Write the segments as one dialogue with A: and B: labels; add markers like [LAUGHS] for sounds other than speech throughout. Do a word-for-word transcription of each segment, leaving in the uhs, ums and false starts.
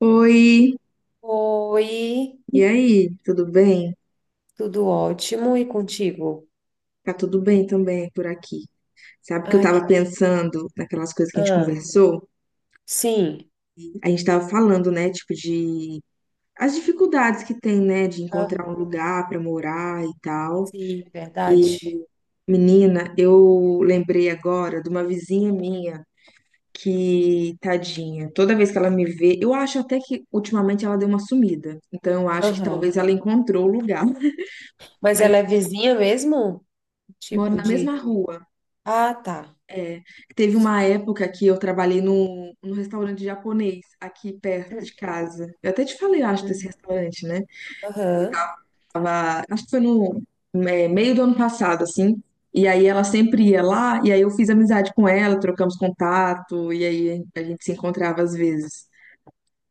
A: Oi,
B: Oi,
A: e aí, tudo bem?
B: tudo ótimo e contigo?
A: Tá tudo bem também por aqui. Sabe que eu
B: Ai, que...
A: tava pensando naquelas coisas que a gente
B: ah,
A: conversou?
B: sim,
A: A gente tava falando, né, tipo de as dificuldades que tem, né, de encontrar um
B: aham,
A: lugar pra morar e tal.
B: sim,
A: E
B: verdade.
A: menina, eu lembrei agora de uma vizinha minha que, tadinha, toda vez que ela me vê, eu acho até que ultimamente ela deu uma sumida. Então eu acho que
B: Aham.
A: talvez ela encontrou o lugar, [LAUGHS]
B: Mas
A: mas
B: ela é vizinha mesmo?
A: mora
B: Tipo
A: na
B: de.
A: mesma rua.
B: Ah, tá.
A: É, teve uma época que eu trabalhei num, num restaurante japonês aqui perto de casa. Eu até te falei, eu acho, desse
B: Uhum.
A: restaurante, né? Eu
B: Aham.
A: tava, acho que foi no é, meio do ano passado, assim. E aí ela sempre ia lá, e aí eu fiz amizade com ela, trocamos contato, e aí a gente se encontrava às vezes.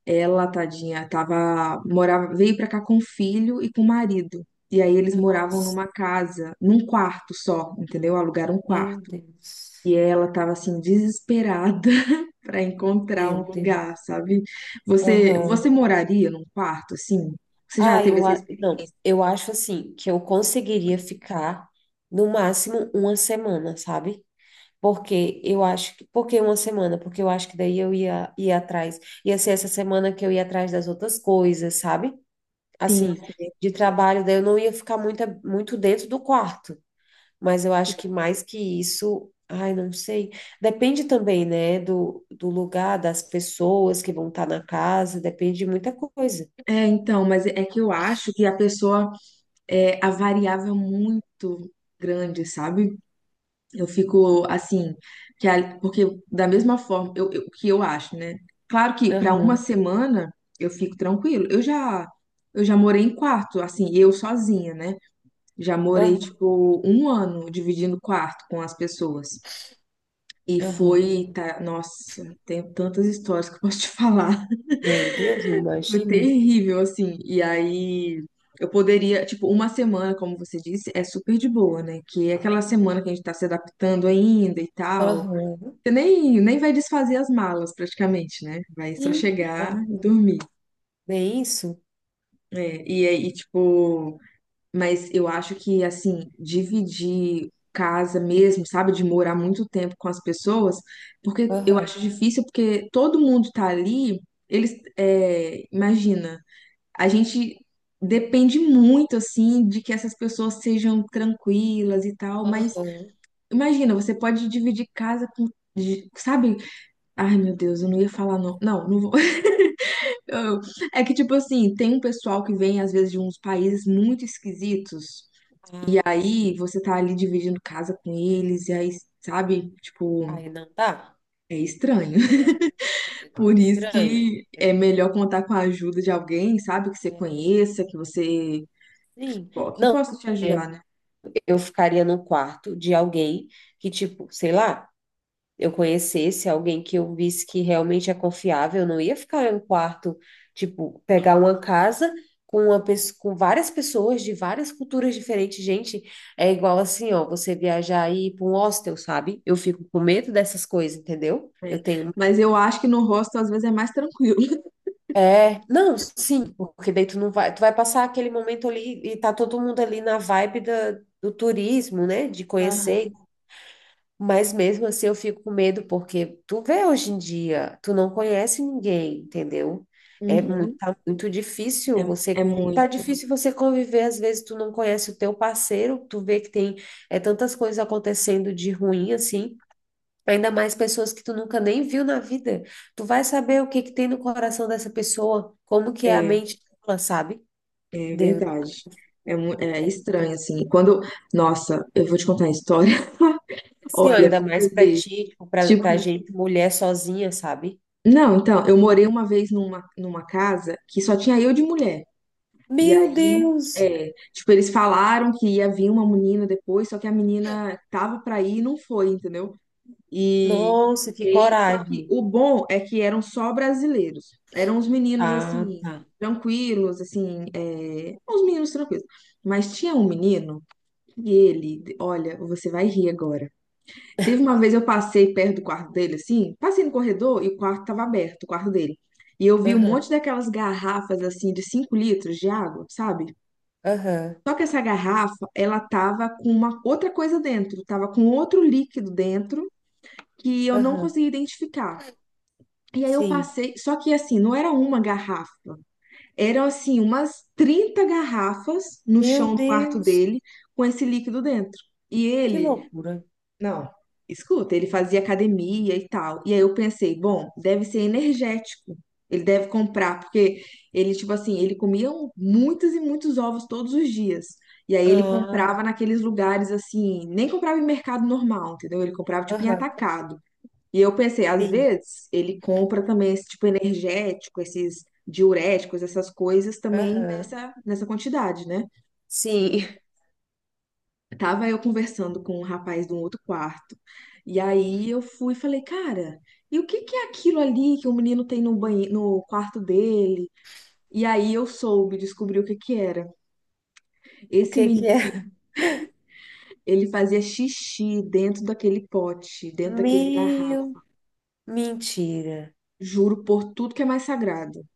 A: Ela, tadinha, tava, morava, veio pra cá com o filho e com o marido. E aí eles moravam
B: Nossa,
A: numa casa, num quarto só, entendeu? Alugaram um
B: meu
A: quarto. E
B: Deus.
A: ela tava assim, desesperada para encontrar um
B: Meu
A: lugar,
B: Deus.
A: sabe? Você,
B: Aham.
A: você moraria num quarto, assim? Você já
B: Ah,
A: teve
B: eu,
A: essa
B: a- não,
A: experiência?
B: eu acho assim que eu conseguiria ficar no máximo uma semana, sabe? Porque eu acho que, porque uma semana, porque eu acho que daí eu ia ia atrás. Ia ser essa semana que eu ia atrás das outras coisas, sabe?
A: Sim,
B: Assim,
A: sim.
B: de trabalho, daí eu não ia ficar muito, muito dentro do quarto. Mas eu acho que mais que isso, ai, não sei. Depende também, né, do, do lugar, das pessoas que vão estar na casa, depende de muita coisa.
A: É, então, mas é que eu acho que a pessoa é a variável é muito grande, sabe? Eu fico assim, que a- porque da mesma forma, eu, eu- o que eu acho, né? Claro que para uma
B: Aham,
A: semana eu fico tranquilo. Eu já eu já morei em quarto, assim, eu sozinha, né? Já morei
B: aham,
A: tipo um ano dividindo quarto com as pessoas. E
B: aham.
A: foi, tá, nossa, tenho tantas histórias que eu posso te falar.
B: Meu Deus, eu
A: [LAUGHS] Foi
B: imagino.
A: terrível, assim. E aí eu poderia, tipo, uma semana, como você disse, é super de boa, né? Que é aquela semana que a gente tá se adaptando ainda e tal.
B: Aham,
A: Você nem, nem vai desfazer as malas praticamente, né? Vai só
B: sim,
A: chegar
B: aham.
A: e dormir.
B: Bem isso?
A: É, e aí, tipo, mas eu acho que, assim, dividir casa mesmo, sabe, de morar muito tempo com as pessoas, porque eu
B: Aham,
A: acho difícil, porque todo mundo tá ali, eles, é, imagina, a gente depende muito, assim, de que essas pessoas sejam tranquilas e tal, mas imagina, você pode dividir casa com. de- Sabe? Ai, meu Deus, eu não ia falar não. Não, não vou. [LAUGHS] Eu- É que, tipo assim, tem um pessoal que vem, às vezes, de uns países muito esquisitos
B: aham.
A: aí você tá ali dividindo casa com eles, e aí, sabe, tipo,
B: Ai, não dá.
A: é estranho.
B: É
A: [LAUGHS]
B: tipo, é, é
A: Por isso
B: estranho.
A: que
B: É,
A: é melhor contar com a ajuda de alguém, sabe, que você
B: é,
A: conheça, que você,
B: sim.
A: pô, que
B: Não,
A: possa te
B: é,
A: ajudar, né?
B: eu ficaria no quarto de alguém que, tipo, sei lá, eu conhecesse alguém que eu visse que realmente é confiável. Eu não ia ficar em um quarto, tipo, pegar uma casa com uma pessoa, com várias pessoas de várias culturas diferentes. Gente, é igual assim, ó, você viajar e ir para um hostel, sabe? Eu fico com medo dessas coisas, entendeu? Eu
A: É,
B: tenho...
A: mas eu acho que no hostel às vezes é mais tranquilo. [LAUGHS]
B: É, não, sim, porque daí tu não vai, tu vai passar aquele momento ali e tá todo mundo ali na vibe da, do turismo, né, de conhecer,
A: Aham.
B: mas mesmo assim eu fico com medo porque tu vê hoje em dia, tu não conhece ninguém, entendeu? É muito,
A: Uhum.
B: tá muito
A: É,
B: difícil
A: é
B: você, tá
A: muito,
B: difícil você conviver, às vezes tu não conhece o teu parceiro, tu vê que tem é, tantas coisas acontecendo de ruim assim. Ainda mais pessoas que tu nunca nem viu na vida. Tu vai saber o que que tem no coração dessa pessoa, como que é a
A: é,
B: mente dela, sabe?
A: é
B: Deus.
A: verdade. É, mu- é
B: É.
A: estranho, assim. Quando, nossa, eu vou te contar a história. [LAUGHS]
B: Assim, ó,
A: Olha, pra
B: ainda mais
A: você
B: pra
A: ver.
B: ti, tipo, pra,
A: Tipo,
B: pra gente, mulher sozinha, sabe?
A: não, então, eu morei uma vez numa, numa casa que só tinha eu de mulher. E
B: Meu
A: aí,
B: Deus!
A: é, tipo, eles falaram que ia vir uma menina depois, só que a menina tava pra ir e não foi, entendeu? E,
B: Nossa, que
A: e- só que
B: coragem.
A: o bom é que eram só brasileiros. Eram uns meninos
B: Ah,
A: assim,
B: tá.
A: tranquilos, assim, é, uns meninos tranquilos. Mas tinha um menino que ele, olha, você vai rir agora. Teve uma vez eu passei perto do quarto dele, assim, passei no corredor e o quarto estava aberto, o quarto dele. E eu vi um
B: Aham,
A: monte daquelas garrafas, assim, de cinco litros de água, sabe?
B: aham,
A: Só que essa garrafa, ela tava com uma outra coisa dentro, tava com outro líquido dentro que eu não
B: aham.
A: conseguia identificar. E aí eu
B: Sim.
A: passei, só que assim, não era uma garrafa, eram assim umas trinta garrafas no
B: Meu
A: chão do quarto
B: Deus,
A: dele com esse líquido dentro. E
B: que
A: ele
B: loucura.
A: não, escuta, ele fazia academia e tal. E aí eu pensei, bom, deve ser energético. Ele deve comprar, porque ele, tipo assim, ele comia um- muitos e muitos ovos todos os dias. E aí ele comprava
B: Ah,
A: naqueles lugares assim, nem comprava em mercado normal, entendeu? Ele comprava tipo em
B: aham,
A: atacado. E eu pensei, às
B: sim,
A: vezes ele compra também esse tipo energético, esses diuréticos, essas coisas também
B: aham.
A: nessa, nessa quantidade, né?
B: Sim. [LAUGHS]
A: Tava eu conversando com um rapaz de um outro quarto. E aí eu fui e falei, cara, e o que que é aquilo ali que o menino tem no banheiro, no quarto dele? E aí eu soube, descobri o que que era.
B: O
A: Esse
B: que que
A: menino,
B: é?
A: ele fazia xixi dentro daquele pote, dentro daquele
B: Meu,
A: garrafa.
B: mentira.
A: Juro por tudo que é mais sagrado.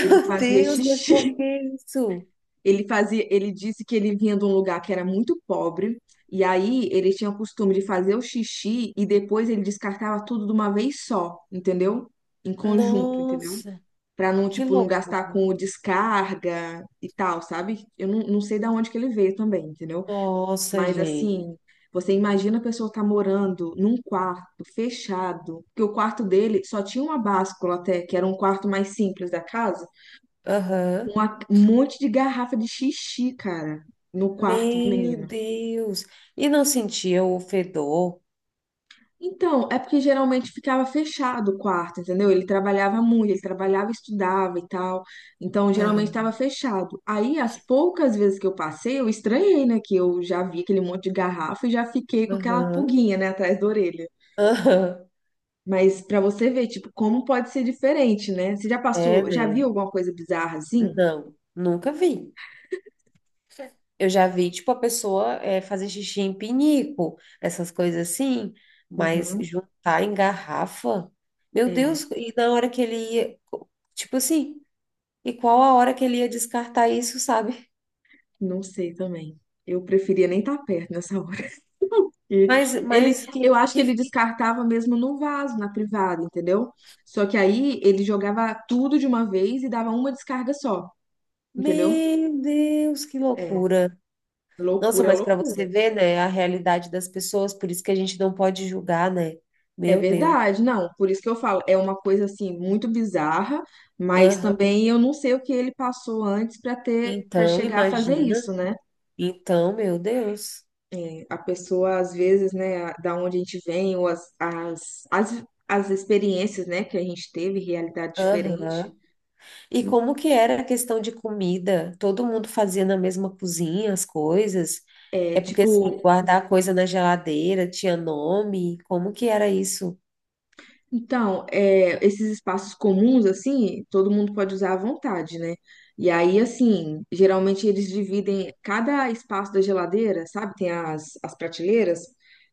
A: Ele
B: [LAUGHS]
A: fazia
B: Deus, mas por
A: xixi.
B: que isso?
A: Ele fazia, ele disse que ele vinha de um lugar que era muito pobre, e aí ele tinha o costume de fazer o xixi e depois ele descartava tudo de uma vez só, entendeu? Em conjunto, entendeu?
B: Nossa,
A: Pra não,
B: que
A: tipo, não gastar
B: loucura.
A: com descarga e tal, sabe? Eu não, não sei da onde que ele veio também, entendeu?
B: Nossa,
A: Mas
B: gente.
A: assim, você imagina a pessoa tá morando num quarto fechado, que o quarto dele só tinha uma báscula até, que era um quarto mais simples da casa
B: Aham.
A: uma- um monte de garrafa de xixi, cara, no quarto do
B: Meu
A: menino.
B: Deus. E não sentia o fedor?
A: Então, é porque geralmente ficava fechado o quarto, entendeu? Ele trabalhava muito, ele trabalhava, estudava e tal. Então,
B: Ah,
A: geralmente estava fechado. Aí, as poucas vezes que eu passei, eu estranhei, né? Que eu já vi aquele monte de garrafa e já fiquei com aquela
B: aham.
A: pulguinha, né, atrás da orelha.
B: Aham.
A: Mas pra você ver, tipo, como pode ser diferente, né? Você já
B: É,
A: passou, já
B: né?
A: viu alguma coisa bizarra assim?
B: Não, nunca vi. Eu já vi, tipo, a pessoa é, fazer xixi em pinico, essas coisas assim, mas
A: Uhum.
B: juntar em garrafa. Meu
A: É,
B: Deus, e na hora que ele ia, tipo assim. E qual a hora que ele ia descartar isso, sabe?
A: não sei também. Eu preferia nem estar perto nessa e
B: Mas,
A: ele,
B: mas
A: eu
B: que,
A: acho que ele
B: que...
A: descartava mesmo no vaso, na privada, entendeu? Só que aí ele jogava tudo de uma vez e dava uma descarga só, entendeu?
B: Meu Deus, que
A: É,
B: loucura. Nossa,
A: loucura,
B: mas para
A: loucura.
B: você ver, né, a realidade das pessoas, por isso que a gente não pode julgar, né?
A: É
B: Meu Deus.
A: verdade, não. Por isso que eu falo, é uma coisa assim muito bizarra, mas também eu não sei o que ele passou antes para ter, para
B: Então,
A: chegar a fazer
B: imagina.
A: isso, né?
B: Então, meu Deus.
A: A pessoa às vezes, né, a- da onde a gente vem ou as, as, as, as experiências, né, que a gente teve, realidade
B: Aham.
A: diferente.
B: E como que era a questão de comida? Todo mundo fazia na mesma cozinha as coisas?
A: É,
B: É porque, assim,
A: tipo,
B: guardar coisa na geladeira tinha nome? Como que era isso?
A: então, é, esses espaços comuns, assim, todo mundo pode usar à vontade, né? E aí, assim, geralmente eles dividem cada espaço da geladeira, sabe? Tem as, as prateleiras,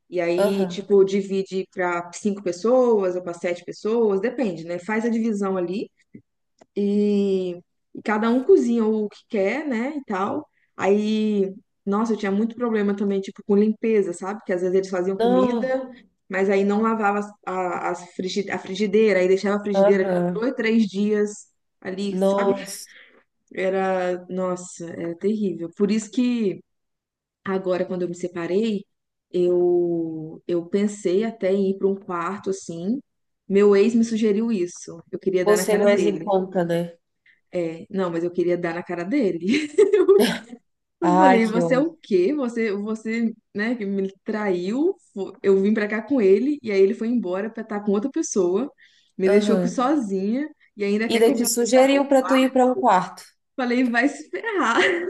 A: e aí,
B: Aham.
A: tipo, divide para cinco pessoas ou para sete pessoas, depende, né? Faz a divisão ali. E, e cada um cozinha o que quer, né, e tal. Aí, nossa, eu tinha muito problema também, tipo, com limpeza, sabe? Porque às vezes eles faziam
B: Não.
A: comida, mas aí não lavava as- a, as frigi- a frigideira, aí deixava a frigideira ali uns
B: Aham.
A: dois, três dias ali, sabe?
B: Nossa,
A: Era, nossa, era terrível. Por isso que agora, quando eu me separei, eu, eu pensei até em ir para um quarto, assim. Meu ex me sugeriu isso. Eu queria dar na
B: você
A: cara
B: mais em
A: dele.
B: conta, né?
A: É, não, mas eu queria dar na cara dele. [LAUGHS] Eu
B: Ai,
A: falei,
B: que
A: você é
B: ódio.
A: o quê? Você, você, né, que me traiu. fo- Eu vim pra cá com ele e aí ele foi embora pra estar com outra pessoa, me deixou aqui
B: Aham.
A: sozinha e ainda quer
B: Ainda
A: que eu
B: te
A: vá.
B: sugeriu para tu ir para um quarto.
A: Falei, vai se ferrar. [LAUGHS]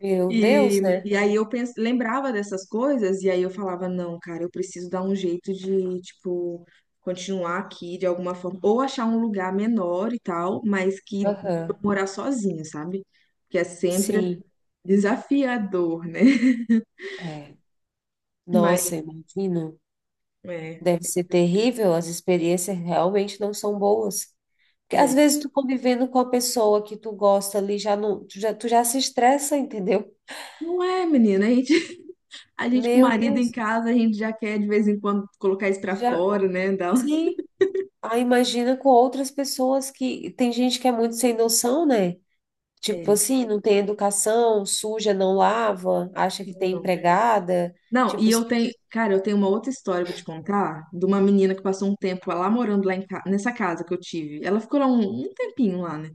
B: Meu Deus,
A: E,
B: né?
A: e aí eu pens... lembrava dessas coisas e aí eu falava, não, cara, eu preciso dar um jeito de, tipo, continuar aqui de alguma forma ou achar um lugar menor e tal, mas que eu
B: Aham.
A: morar sozinha, sabe? Que é sempre
B: Sim,
A: desafiador, né? [LAUGHS]
B: é.
A: Mas
B: Nossa, imagino.
A: é,
B: Deve ser terrível, as experiências realmente não são boas. Porque às
A: é.
B: vezes tu convivendo com a pessoa que tu gosta ali, já não, tu já, tu já se estressa, entendeu?
A: Não é, menina. A gente, a gente com o
B: Meu
A: marido em
B: Deus,
A: casa, a gente já quer de vez em quando colocar isso pra
B: já,
A: fora, né? [LAUGHS] Dar um-
B: sim. Aí imagina com outras pessoas que tem gente que é muito sem noção, né? Tipo
A: É,
B: assim, não tem educação, suja, não lava, acha que tem
A: não.
B: empregada.
A: Não, e
B: Tipo, assim,
A: eu tenho, cara, eu tenho uma outra história pra te contar de uma menina que passou um tempo lá morando lá em ca- nessa casa que eu tive. Ela ficou lá um, um tempinho lá, né?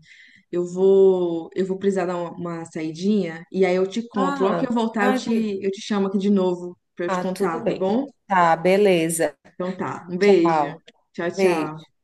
A: Eu vou, eu vou precisar dar uma, uma saidinha e aí eu te conto. Logo que
B: ah,
A: eu voltar, eu
B: ah, que-
A: te, eu te chamo aqui de novo pra eu te
B: ah, tudo
A: contar, tá
B: bem.
A: bom?
B: Tá, beleza.
A: Então tá. Um beijo.
B: Tchau.
A: Tchau,
B: Beijo.
A: tchau.